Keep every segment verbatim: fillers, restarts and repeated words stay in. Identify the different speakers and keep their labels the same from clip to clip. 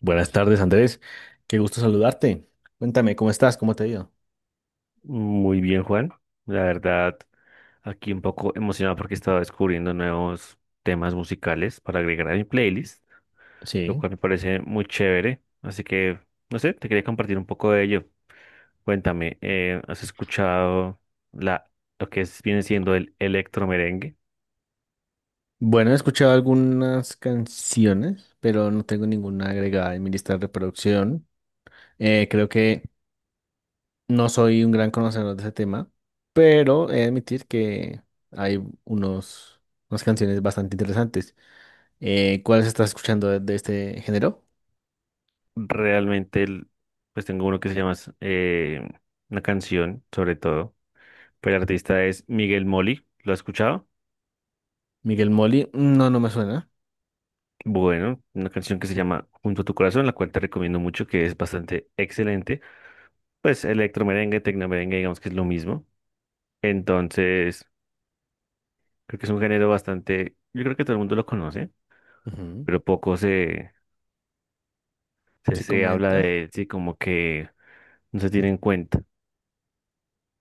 Speaker 1: Buenas tardes, Andrés. Qué gusto saludarte. Cuéntame, ¿cómo estás? ¿Cómo te ha ido?
Speaker 2: Muy bien, Juan. La verdad, aquí un poco emocionado porque estaba descubriendo nuevos temas musicales para agregar a mi playlist, lo
Speaker 1: Sí.
Speaker 2: cual me parece muy chévere. Así que, no sé, te quería compartir un poco de ello. Cuéntame, eh, ¿has escuchado la, lo que es- viene siendo el electromerengue?
Speaker 1: Bueno, he escuchado algunas canciones, pero no tengo ninguna agregada en mi lista de reproducción. Eh, creo que no soy un gran conocedor de ese tema, pero he de admitir que hay unos, unas canciones bastante interesantes. Eh, ¿cuáles estás escuchando de, de este género?
Speaker 2: Realmente, el- pues tengo uno que se llama, eh, una canción, sobre todo, pero el artista es Miguel Moli. ¿Lo has escuchado?
Speaker 1: Miguel Molly. No, no me suena.
Speaker 2: Bueno, una canción que se llama Junto a tu corazón, la cual te recomiendo mucho, que es bastante excelente. Pues electromerengue, tecnomerengue, digamos que es lo mismo. Entonces, creo que es un género bastante, yo creo que todo el mundo lo conoce,
Speaker 1: Ujú.
Speaker 2: pero poco se, se,
Speaker 1: Se
Speaker 2: se habla
Speaker 1: comenta.
Speaker 2: de él, sí, como que no se tiene en cuenta.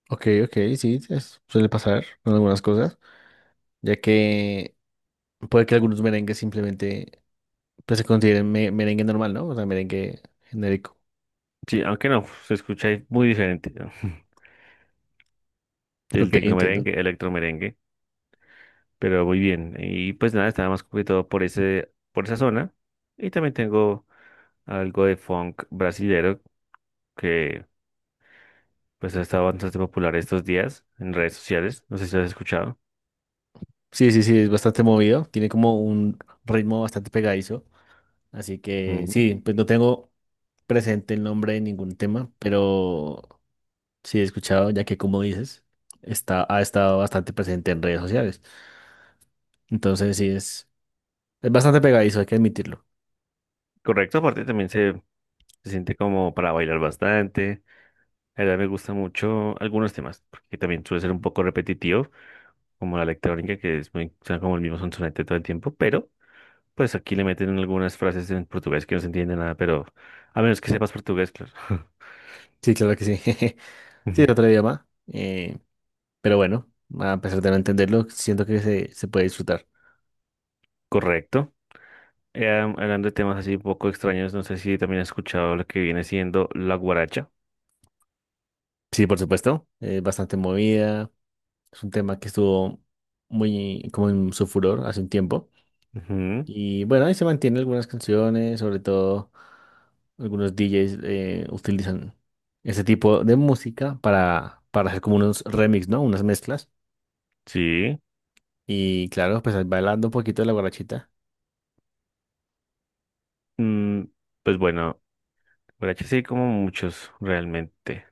Speaker 1: Ok, ok, sí, es- suele pasar con algunas cosas, ya que puede que algunos merengues simplemente, pues, se consideren me- merengue normal, ¿no? O sea, merengue genérico.
Speaker 2: Sí, aunque no, se escucha ahí muy diferente, ¿no?
Speaker 1: Ok,
Speaker 2: Del
Speaker 1: entiendo.
Speaker 2: tecnomerengue, electromerengue, pero muy bien. Y pues nada, estaba más complicado por ese, por esa zona. Y también tengo algo de funk brasilero que pues ha estado bastante popular estos días en redes sociales, no sé si lo has escuchado.
Speaker 1: Sí, sí, sí, es bastante movido, tiene como un ritmo bastante pegadizo, así que
Speaker 2: Ujú.
Speaker 1: sí, pues no tengo presente el nombre de ningún tema, pero sí he escuchado, ya que como dices, está, ha estado bastante presente en redes sociales. Entonces sí, es, es bastante pegadizo, hay que admitirlo.
Speaker 2: Correcto, aparte también se, se siente como para bailar bastante. La verdad me gusta mucho algunos temas, porque también suele ser un poco repetitivo, como la electrónica, que es muy, suena como el mismo sonsonete todo el tiempo, pero pues aquí le meten algunas frases en portugués que no se entiende nada, pero a menos que sepas portugués, claro.
Speaker 1: Sí, claro que sí. Sí,
Speaker 2: Ujú.
Speaker 1: es otro idioma. eh, Pero bueno, a pesar de no entenderlo, siento que se, se puede disfrutar.
Speaker 2: Correcto. Eh, hablando de temas así un poco extraños, no sé si también has escuchado lo que viene siendo la guaracha.
Speaker 1: Sí, por supuesto, es bastante movida. Es un tema que estuvo muy como en su furor hace un tiempo.
Speaker 2: Ujú.
Speaker 1: Y bueno, ahí se mantienen algunas canciones, sobre todo algunos D Js eh, utilizan ese tipo de música para, para hacer como unos remix, ¿no? Unas mezclas.
Speaker 2: Sí,
Speaker 1: Y claro, pues ahí bailando un poquito de la guarachita.
Speaker 2: mm, pues bueno, borrachos sí hay como muchos realmente,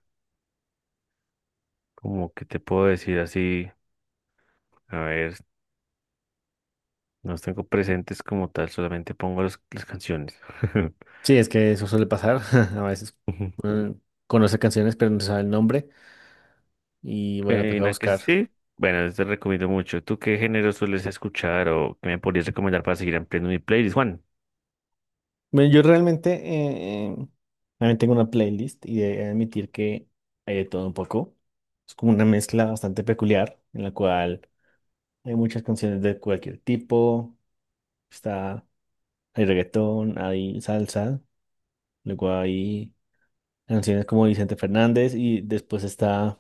Speaker 2: como que te puedo decir así, a ver, no los tengo presentes como tal, solamente pongo los- las canciones.
Speaker 1: Sí, es que eso suele pasar. A veces
Speaker 2: Ujú.
Speaker 1: uno conoce canciones, pero no sabe el nombre. Y bueno,
Speaker 2: Eh,
Speaker 1: toca
Speaker 2: la que
Speaker 1: buscar.
Speaker 2: sí, bueno, te recomiendo mucho. ¿Tú qué género sueles escuchar o qué me podrías recomendar para seguir ampliando mi playlist, Juan?
Speaker 1: Bueno, yo realmente eh, también tengo una playlist y he de admitir que hay de todo un poco. Es como una mezcla bastante peculiar en la cual hay muchas canciones de cualquier tipo. Está, Hay reggaetón, hay salsa, luego hay canciones como Vicente Fernández y después está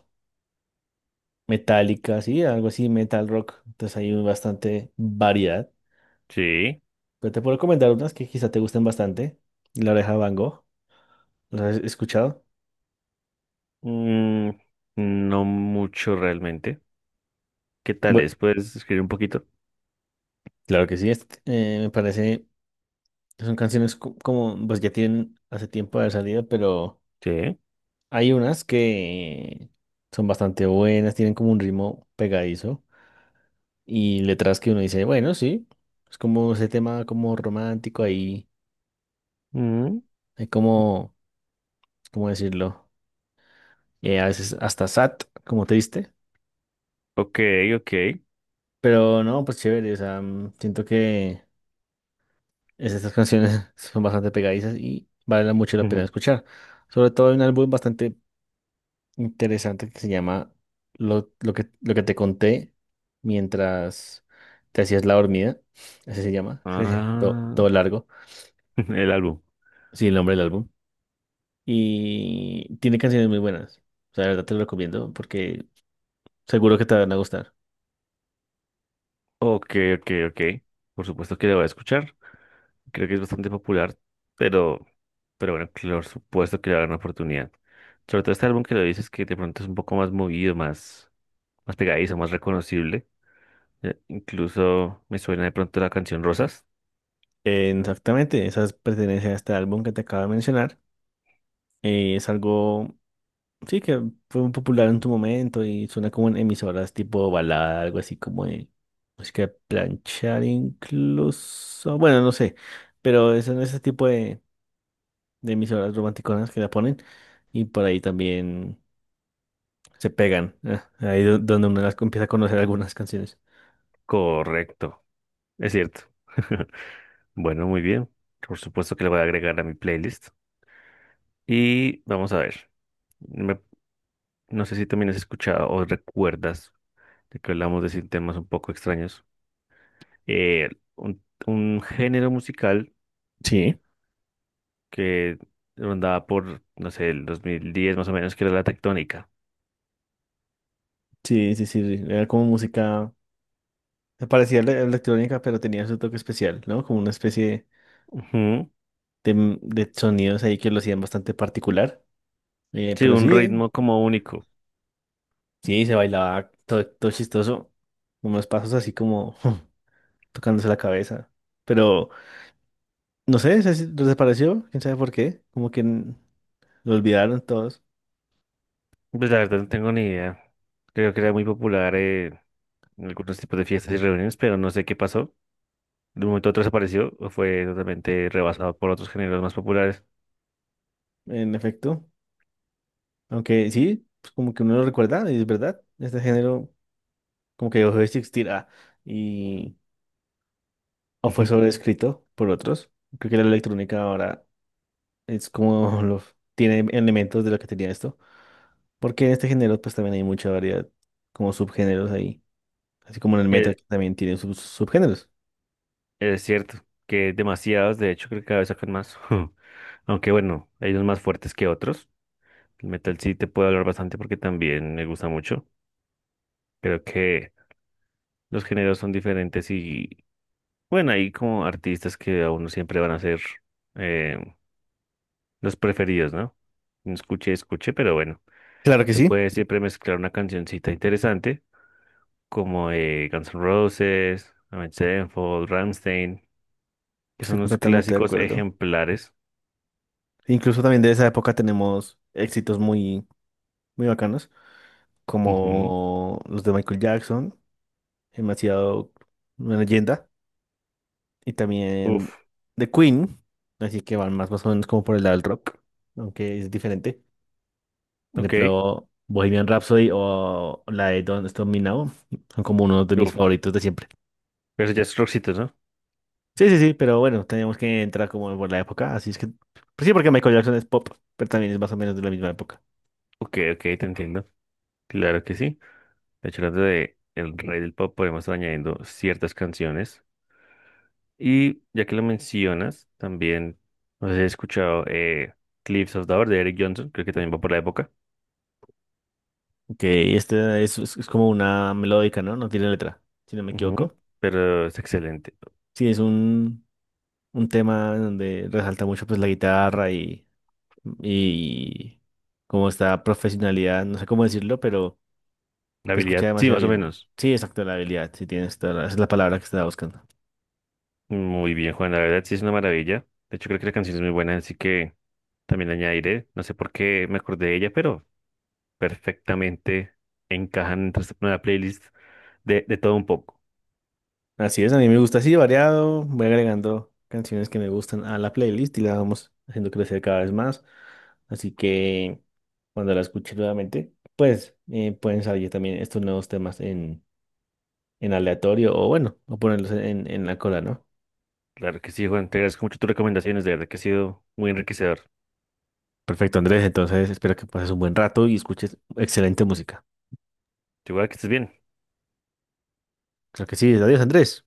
Speaker 1: metálica, sí, algo así, metal rock. Entonces hay bastante variedad.
Speaker 2: Sí,
Speaker 1: Pero te puedo recomendar unas que quizá te gusten bastante. La Oreja de Van Gogh, ¿las has escuchado?
Speaker 2: mm, no mucho realmente. ¿Qué tal es? ¿Puedes escribir un poquito?
Speaker 1: Claro que sí, es- eh, me parece, son canciones co- como, pues ya tienen hace tiempo de salida, pero
Speaker 2: Sí.
Speaker 1: hay unas que son bastante buenas, tienen como un ritmo pegadizo y letras que uno dice, bueno, sí, es como ese tema como romántico ahí,
Speaker 2: Mm,
Speaker 1: hay como, ¿cómo decirlo? Eh, a veces hasta sad, como triste,
Speaker 2: ok, ok.
Speaker 1: pero no, pues chévere, o sea, mm, siento que es- estas canciones son bastante pegadizas y vale mucho la pena
Speaker 2: Ujú.
Speaker 1: escuchar. Sobre todo hay un álbum bastante interesante que se llama lo, lo que, lo que te conté mientras te hacías la dormida. Así se llama. Todo,
Speaker 2: Ah.
Speaker 1: todo largo.
Speaker 2: El álbum.
Speaker 1: Sí, el nombre del álbum. Y tiene canciones muy buenas. O sea, de verdad te lo recomiendo porque seguro que te van a gustar.
Speaker 2: Ok, ok, ok. Por supuesto que lo voy a escuchar. Creo que es bastante popular, pero, pero bueno, claro, por supuesto que le va a dar una oportunidad. Sobre todo este álbum que lo dices que de pronto es un poco más movido, más, más pegadizo, más reconocible. Eh, incluso me suena de pronto la canción Rosas.
Speaker 1: Eh, Exactamente, esas pertenecen a este álbum que te acabo de mencionar. Eh, es algo, sí, que fue muy popular en tu momento y suena como en emisoras tipo balada, algo así como de música de planchar incluso. Bueno, no sé, pero es en ese tipo de, de emisoras romanticonas que la ponen y por ahí también se pegan. Eh, ahí do- donde uno las empieza a conocer algunas canciones.
Speaker 2: Correcto, es cierto. Bueno, muy bien. Por supuesto que le voy a agregar a mi playlist. Y vamos a ver. Me- no sé si también has escuchado o recuerdas de que hablamos de sin temas un poco extraños. eh, un, un género musical
Speaker 1: Sí,
Speaker 2: que rondaba por, no sé, el dos mil diez más o menos, que era la tectónica.
Speaker 1: sí, sí, sí. Era como música, se parecía a electrónica, pero tenía su toque especial, ¿no? Como una especie
Speaker 2: Ujú.
Speaker 1: de, de sonidos ahí que lo hacían bastante particular. Eh,
Speaker 2: Sí,
Speaker 1: pero
Speaker 2: un
Speaker 1: sí,
Speaker 2: ritmo como único.
Speaker 1: sí, se bailaba todo, todo chistoso, unos pasos así como tocándose la cabeza. Pero no sé, se se desapareció, quién sabe por qué, como que n- lo olvidaron todos,
Speaker 2: Pues la verdad no tengo ni idea. Creo que era muy popular eh, en algunos tipos de fiestas y reuniones, pero no sé qué pasó. De un momento a otro desapareció o fue totalmente rebasado por otros géneros más populares.
Speaker 1: en efecto. Aunque sí, pues como que uno lo recuerda, y es verdad, este género como que dejó de existir, ah, y o fue sobreescrito por otros. Creo que la electrónica ahora es como lo tiene elementos de lo que tenía esto, porque en este género pues también hay mucha variedad, como subgéneros ahí. Así como en el
Speaker 2: Eh,
Speaker 1: metal que también tiene sus subgéneros.
Speaker 2: Es, cierto que demasiados, de hecho, creo que cada vez sacan más. Aunque bueno, hay unos más fuertes que otros. El metal sí te puedo hablar bastante porque también me gusta mucho. Creo que los géneros son diferentes y bueno, hay como artistas que a uno siempre van a ser eh, los preferidos, ¿no? Escuche, escuche, pero bueno,
Speaker 1: Claro que
Speaker 2: se
Speaker 1: sí.
Speaker 2: puede siempre mezclar una cancioncita interesante como eh, Guns N' Roses, Avenged Sevenfold, Rammstein, que son
Speaker 1: Estoy
Speaker 2: unos
Speaker 1: completamente de
Speaker 2: clásicos
Speaker 1: acuerdo.
Speaker 2: ejemplares.
Speaker 1: Incluso también de esa época tenemos éxitos muy, muy bacanos,
Speaker 2: Ujú.
Speaker 1: como los de Michael Jackson, demasiado una leyenda, y también
Speaker 2: Uf,
Speaker 1: de Queen, así que van más, más o menos como por el lado del rock, aunque es diferente. Por
Speaker 2: ok,
Speaker 1: ejemplo, Bohemian Rhapsody o la de Don't Stop Me Now son como uno de mis
Speaker 2: uf,
Speaker 1: favoritos de siempre.
Speaker 2: pero ya es rockcito, ¿no?
Speaker 1: Sí, sí, sí, pero bueno, teníamos que entrar como por la época, así es que pues sí, porque Michael Jackson es pop, pero también es más o menos de la misma época.
Speaker 2: Ok, ok, te entiendo. Claro que sí. De hecho, hablando de el rey del pop, podemos estar añadiendo ciertas canciones. Y ya que lo mencionas, también, no sé si he escuchado eh, Cliffs of Dover de Eric Johnson, creo que también va por la época.
Speaker 1: Ok, este es, es- es como una melódica, ¿no? No tiene letra, si no me
Speaker 2: Ujú.
Speaker 1: equivoco.
Speaker 2: Pero es excelente.
Speaker 1: Sí, es un, un tema en donde resalta mucho pues la guitarra y, y como esta profesionalidad, no sé cómo decirlo, pero
Speaker 2: La
Speaker 1: te escucha
Speaker 2: habilidad, sí,
Speaker 1: demasiado
Speaker 2: más o
Speaker 1: bien.
Speaker 2: menos.
Speaker 1: Sí, exacto, la habilidad, sí tienes toda la- esa es la palabra que estaba buscando.
Speaker 2: Muy bien, Juan, la verdad sí es una maravilla. De hecho, creo que la canción es muy buena, así que también la añadiré. No sé por qué me acordé de ella, pero perfectamente encajan entre esta nueva playlist de, de todo un poco.
Speaker 1: Así es, a mí me gusta así, variado. Voy agregando canciones que me gustan a la playlist y la vamos haciendo crecer cada vez más. Así que cuando la escuche nuevamente, pues eh, pueden salir también estos nuevos temas en, en aleatorio o bueno, o ponerlos en, en la cola, ¿no?
Speaker 2: Claro que sí, Juan, te agradezco mucho tus recomendaciones, de verdad que ha sido muy enriquecedor.
Speaker 1: Perfecto, Andrés. Entonces espero que pases un buen rato y escuches excelente música.
Speaker 2: Igual que estés bien.
Speaker 1: Creo que sí. Adiós, Andrés.